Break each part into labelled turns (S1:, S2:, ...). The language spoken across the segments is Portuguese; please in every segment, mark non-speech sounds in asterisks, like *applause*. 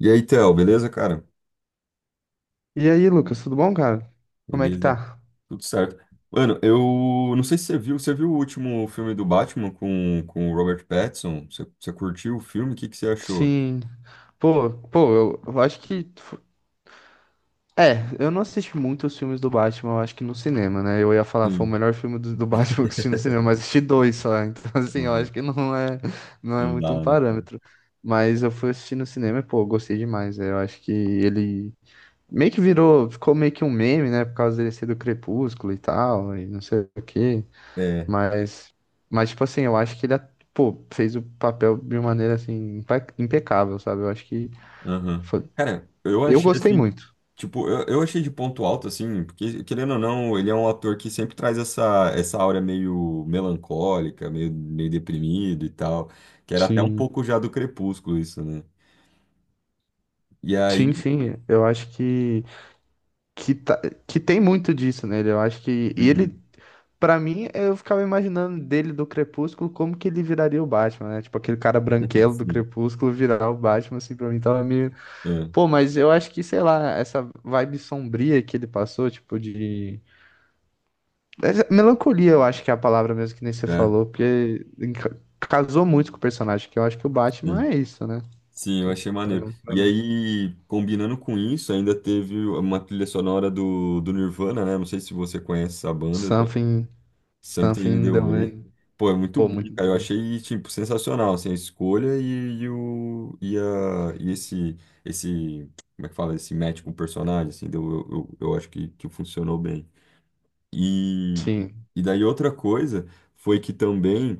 S1: E aí, Theo, beleza, cara?
S2: E aí, Lucas, tudo bom, cara? Como é que
S1: Beleza.
S2: tá?
S1: Tudo certo. Mano, eu não sei se você viu o último filme do Batman com o Robert Pattinson? Você curtiu o filme? O que, que você achou?
S2: Sim. Pô, eu acho que. É, eu não assisti muito os filmes do Batman, eu acho que no cinema, né? Eu ia falar, foi o
S1: Sim.
S2: melhor filme do *laughs* Batman que eu assisti no
S1: *laughs*
S2: cinema, mas assisti dois só. Então, *laughs* assim, eu
S1: Mano,
S2: acho que não é, não é
S1: não
S2: muito um
S1: dá, né, cara?
S2: parâmetro. Mas eu fui assistir no cinema e, pô, eu gostei demais, né? Eu acho que ele meio que virou, ficou meio que um meme, né? Por causa dele ser do Crepúsculo e tal, e não sei o quê.
S1: É.
S2: Mas, mas tipo assim, eu acho que ele, pô, fez o papel de uma maneira assim impecável, sabe? Eu acho que
S1: Aham.
S2: foi-
S1: Cara, eu
S2: eu
S1: achei
S2: gostei
S1: assim,
S2: muito.
S1: tipo, eu achei de ponto alto, assim, porque, querendo ou não, ele é um ator que sempre traz essa aura meio melancólica, meio deprimido e tal, que era até um
S2: Sim,
S1: pouco já do Crepúsculo isso, né? E
S2: sim,
S1: aí.
S2: sim, eu acho que que tem muito disso nele. Eu acho que e ele.
S1: Uhum.
S2: Pra mim, eu ficava imaginando dele do Crepúsculo como que ele viraria o Batman, né? Tipo, aquele cara branquelo do
S1: Sim,
S2: Crepúsculo virar o Batman, assim, pra mim tava meio.
S1: é,
S2: Pô, mas eu acho que, sei lá, essa vibe sombria que ele passou, tipo, de. Mas é melancolia, eu acho que é a palavra mesmo que nem você
S1: é,
S2: falou, porque casou muito com o personagem, que eu acho que o Batman
S1: sim.
S2: é isso, né?
S1: Sim, eu
S2: Que
S1: achei
S2: pra
S1: maneiro.
S2: não- pra
S1: E
S2: mim,
S1: aí, combinando com isso, ainda teve uma trilha sonora do Nirvana, né? Não sei se você conhece essa banda, tá?
S2: Something,
S1: Something
S2: something
S1: in the
S2: in the
S1: Way.
S2: way.
S1: Pô, é muito
S2: Pô,
S1: bom,
S2: muito
S1: cara. Eu
S2: boa.
S1: achei, tipo, sensacional, assim, a escolha e esse, como é que fala? Esse match com o personagem, assim, deu, eu acho que funcionou bem. E,
S2: Sim,
S1: e daí outra coisa foi que também...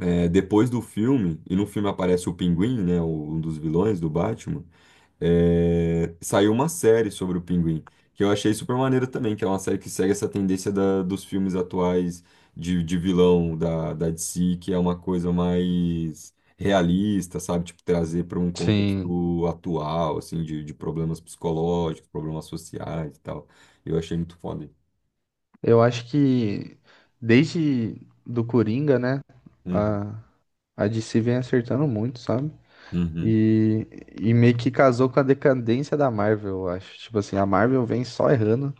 S1: É, depois do filme, e no filme aparece o Pinguim, né, o- um dos vilões do Batman, é, saiu uma série sobre o Pinguim, que eu achei super maneiro também, que é uma série que segue essa tendência dos filmes atuais de vilão da DC, que é uma coisa mais realista, sabe? Tipo, trazer para um
S2: sim.
S1: contexto atual, assim, de problemas psicológicos, problemas sociais e tal. Eu achei muito foda.
S2: Eu acho que desde do Coringa, né?
S1: Uhum,
S2: A, a DC vem acertando muito, sabe?
S1: uhum,
S2: E, e meio que casou com a decadência da Marvel, eu acho. Tipo assim, a Marvel vem só errando.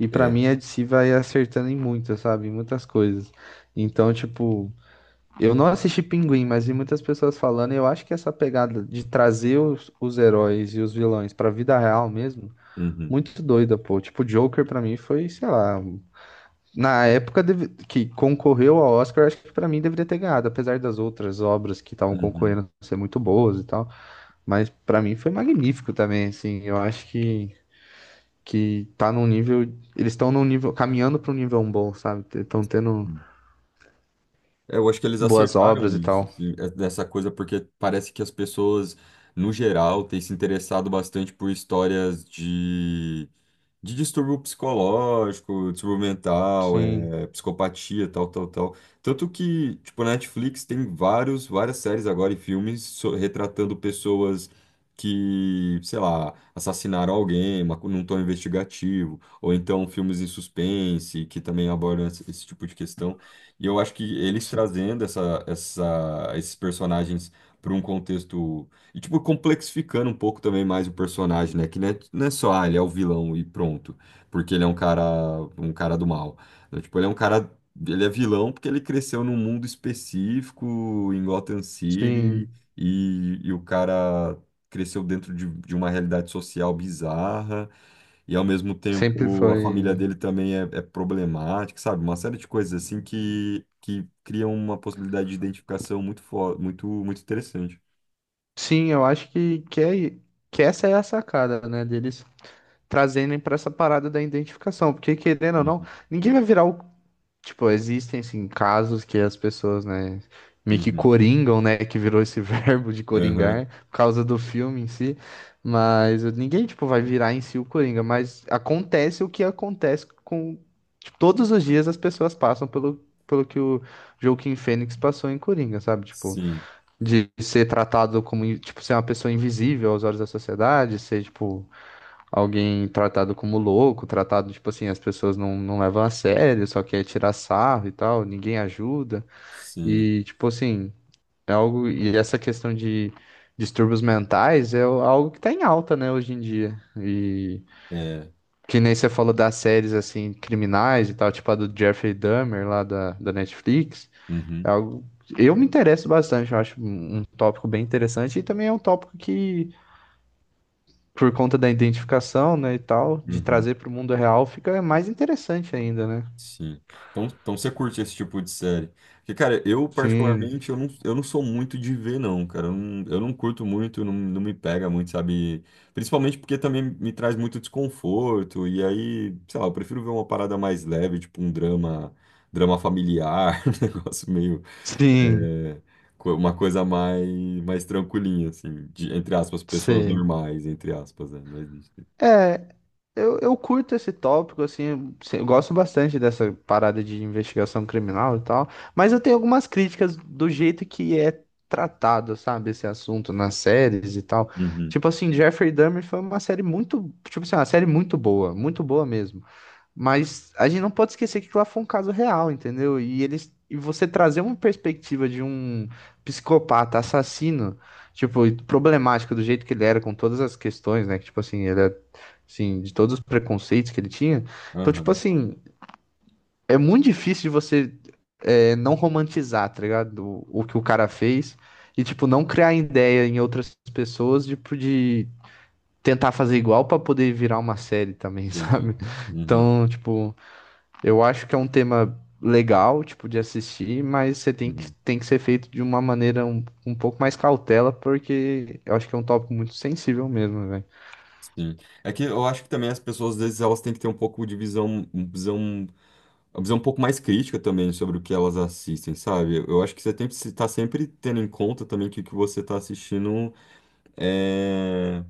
S2: E pra
S1: é,
S2: mim a DC vai acertando em muitas, sabe? Em muitas coisas. Então, tipo, eu não assisti Pinguim, mas vi muitas pessoas falando, e eu acho que essa pegada de trazer os heróis e os vilões pra vida real mesmo,
S1: uhum,
S2: muito doida, pô. Tipo, Joker pra mim foi, sei lá, na época que concorreu ao Oscar, acho que pra mim deveria ter ganhado, apesar das outras obras que estavam
S1: uhum.
S2: concorrendo ser muito boas e tal, mas pra mim foi magnífico também, assim. Eu acho que tá num nível. Eles estão num nível, caminhando para um nível bom, sabe? Estão tendo
S1: Uhum. É, eu acho que eles
S2: boas
S1: acertaram
S2: obras e
S1: nisso,
S2: tal.
S1: assim, é- dessa coisa, porque parece que as pessoas, no geral, têm se interessado bastante por histórias de distúrbio psicológico, distúrbio mental,
S2: Sim,
S1: é, psicopatia, tal, tal, tal. Tanto que, tipo, na Netflix tem vários, várias séries agora e filmes retratando pessoas que, sei lá, assassinaram alguém, mas num tom investigativo, ou então filmes em suspense, que também abordam esse tipo de questão. E eu acho que eles
S2: si-
S1: trazendo esses personagens para um contexto. E, tipo, complexificando um pouco também mais o personagem, né? Que não é, não é só, ah, ele é o vilão e pronto. Porque ele é um cara do mal. Não, tipo, ele é um cara. Ele é vilão porque ele cresceu num mundo específico, em Gotham City,
S2: sim.
S1: e o cara cresceu dentro de uma realidade social bizarra, e ao mesmo
S2: Sempre
S1: tempo a família
S2: foi.
S1: dele também é problemática, sabe? Uma série de coisas assim que, criam uma possibilidade de identificação muito, muito interessante.
S2: Sim, eu acho é, que essa é a sacada, né? Deles trazerem pra essa parada da identificação. Porque, querendo ou não,
S1: Uhum.
S2: ninguém vai virar o. Tipo, existem, sim, casos que as pessoas, né, meio que
S1: Uhum.
S2: coringam, né, que virou esse *laughs* verbo de
S1: Aham,
S2: coringar por causa do filme em si, mas ninguém, tipo, vai virar em si o Coringa, mas acontece o que acontece com... Tipo, todos os dias as pessoas passam pelo, pelo que o Joaquin Phoenix passou em Coringa, sabe? Tipo,
S1: sim,
S2: de ser tratado como, tipo, ser uma pessoa invisível aos olhos da sociedade, ser, tipo, alguém tratado como louco, tratado, tipo assim, as pessoas não, não levam a sério, só quer tirar sarro e tal, ninguém ajuda.
S1: sim,
S2: E, tipo assim, é algo. E essa questão de distúrbios mentais algo que tá em alta, né, hoje em dia. E
S1: é,
S2: que nem você falou das séries, assim, criminais e tal, tipo a do Jeffrey Dahmer lá da Netflix. É
S1: uhum,
S2: algo. Eu me interesso bastante, eu acho um tópico bem interessante e também é um tópico que por conta da identificação, né, e tal, de
S1: uhum,
S2: trazer para o mundo real, fica mais interessante ainda, né?
S1: sim. Então você curte esse tipo de série? Porque, cara, eu
S2: Sim,
S1: particularmente, eu não sou muito de ver, não, cara, eu não curto muito, não, não me pega muito, sabe? Principalmente porque também me traz muito desconforto, e aí, sei lá, eu prefiro ver uma parada mais leve, tipo um drama, drama familiar, *laughs* um negócio meio,
S2: sim,
S1: é, uma coisa mais tranquilinha, assim, de, entre aspas, pessoas
S2: sei.
S1: normais, entre aspas, né? Não existe.
S2: É, eu curto esse tópico, assim, eu gosto bastante dessa parada de investigação criminal e tal, mas eu tenho algumas críticas do jeito que é tratado, sabe, esse assunto nas séries e tal.
S1: Uhum.
S2: Tipo assim, Jeffrey Dahmer foi uma série muito, tipo assim, uma série muito boa mesmo. Mas a gente não pode esquecer que lá foi um caso real, entendeu? E eles e você trazer uma perspectiva de um psicopata assassino, tipo, e problemático do jeito que ele era com todas as questões, né? Que tipo assim, ele era assim, de todos os preconceitos que ele tinha. Então, tipo
S1: Aham,
S2: assim, é muito difícil de você é, não romantizar, tá ligado? O que o cara fez e tipo não criar ideia em outras pessoas tipo, de tentar fazer igual pra poder virar uma série também, *laughs*
S1: entendi.
S2: sabe?
S1: Uhum,
S2: Então, tipo, eu acho que é um tema legal, tipo, de assistir, mas você
S1: uhum,
S2: tem que ser feito de uma maneira um, um pouco mais cautela, porque eu acho que é um tópico muito sensível mesmo, velho.
S1: sim. É que eu acho que também as pessoas, às vezes, elas têm que ter um pouco de uma visão um pouco mais crítica também sobre o que elas assistem, sabe? Eu acho que você tem que estar sempre tendo em conta também que o que você está assistindo é,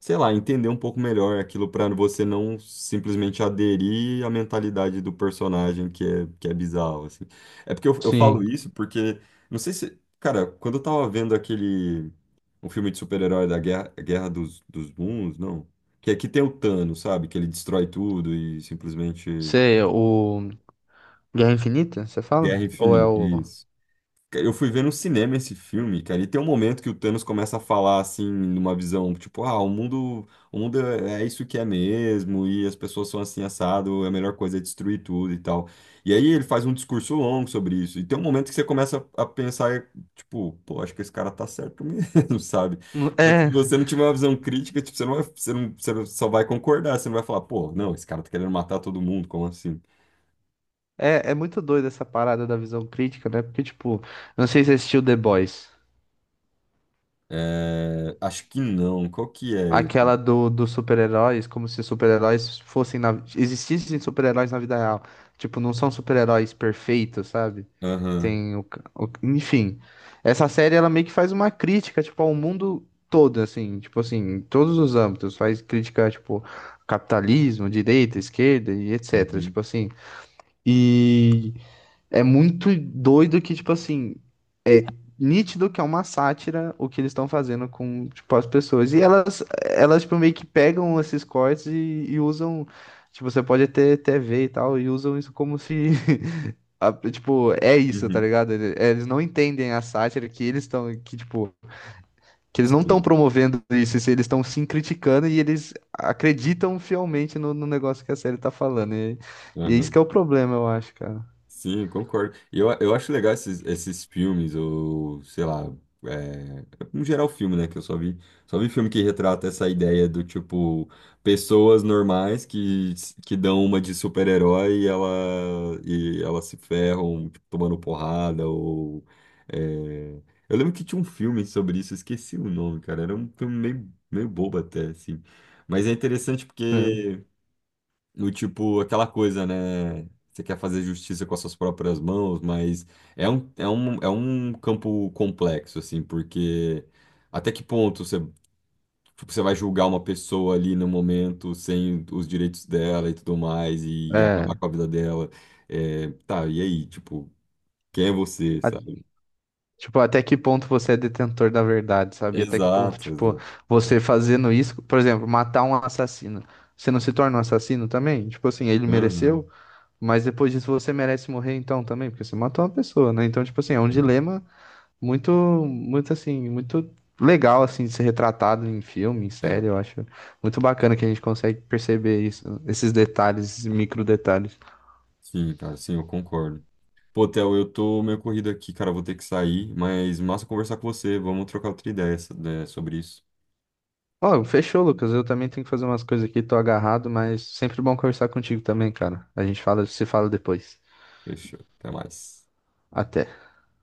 S1: sei lá, entender um pouco melhor aquilo pra você não simplesmente aderir à mentalidade do personagem que é bizarro, assim. É porque eu falo
S2: Sim.
S1: isso porque, não sei se, cara, quando eu tava vendo aquele, um filme de super-herói da Guerra dos Mundos, não, que aqui tem o Thanos, sabe, que ele destrói tudo e simplesmente
S2: Você, o Guerra Infinita, você
S1: guerra
S2: fala? Ou é
S1: infinita,
S2: o.
S1: isso. Cara, eu fui ver no cinema esse filme, cara, e tem um momento que o Thanos começa a falar assim, numa visão, tipo, ah, o mundo é isso que é mesmo, e as pessoas são assim assado, é a melhor coisa é destruir tudo e tal. E aí ele faz um discurso longo sobre isso. E tem um momento que você começa a pensar, tipo, pô, acho que esse cara tá certo mesmo, *laughs* sabe? Só que se
S2: É,
S1: você não tiver uma visão crítica, tipo, você não vai, você não- só vai concordar, você não vai falar, pô, não, esse cara tá querendo matar todo mundo, como assim?
S2: é, é muito doido essa parada da visão crítica, né? Porque, tipo, não sei se você assistiu The Boys.
S1: É, acho que não. Qual que é?
S2: Aquela do, dos super-heróis, como se super-heróis fossem na... Existissem super-heróis na vida real. Tipo, não são super-heróis perfeitos, sabe?
S1: Aham.
S2: Tem o, enfim, essa série ela meio que faz uma crítica, tipo, ao mundo todo, assim, tipo assim, em todos os âmbitos, faz crítica, tipo, capitalismo, direita, esquerda e etc,
S1: Uhum.
S2: tipo assim. E é muito doido que, tipo assim, é nítido que é uma sátira o que eles estão fazendo com, tipo, as pessoas. E tipo, meio que pegam esses cortes e usam, tipo, você pode ter TV e tal, e usam isso como se *laughs* tipo, é isso, tá
S1: Uhum,
S2: ligado? Eles não entendem a sátira que eles estão, que tipo, que eles não estão
S1: sim,
S2: promovendo isso, se eles estão sim criticando e eles acreditam fielmente no negócio que a série tá falando. E é isso
S1: aham.
S2: que é o problema, eu acho, cara.
S1: Sim, concordo. E eu acho legal esses filmes, ou sei lá, é, no geral filme, né? Que eu só vi filme que retrata essa ideia do tipo, pessoas normais que, dão uma de super-herói e elas se ferram, tipo, tomando porrada, ou. É, eu lembro que tinha um filme sobre isso, eu esqueci o nome, cara. Era um filme meio, meio bobo até, assim. Mas é interessante
S2: Sim.
S1: porque. Do tipo, aquela coisa, né? Você quer fazer justiça com as suas próprias mãos, mas é um campo complexo, assim, porque até que ponto você, tipo, você vai julgar uma pessoa ali no momento sem os direitos dela e tudo mais, e, acabar
S2: É.
S1: com a vida dela? É, tá, e aí, tipo, quem é você,
S2: a-
S1: sabe?
S2: tipo, até que ponto você é detentor da verdade, sabe? Até que ponto,
S1: Exato,
S2: tipo,
S1: exato.
S2: você fazendo isso, por exemplo, matar um assassino, você não se torna um assassino também? Tipo assim, ele
S1: Aham,
S2: mereceu? Mas depois disso você merece morrer então também, porque você matou uma pessoa, né? Então, tipo assim, é um
S1: né?
S2: dilema muito, muito assim, muito legal assim de ser retratado em filme, em série,
S1: É.
S2: eu acho muito bacana que a gente consegue perceber isso, esses detalhes, esses micro detalhes.
S1: Sim, cara, sim, eu concordo. Pô, Theo, eu tô meio corrido aqui, cara, vou ter que sair, mas massa conversar com você. Vamos trocar outra ideia né, sobre isso.
S2: Ó, fechou, Lucas. Eu também tenho que fazer umas coisas aqui, tô agarrado, mas sempre bom conversar contigo também, cara. A gente fala, se fala depois.
S1: Fechou, até mais.
S2: Até.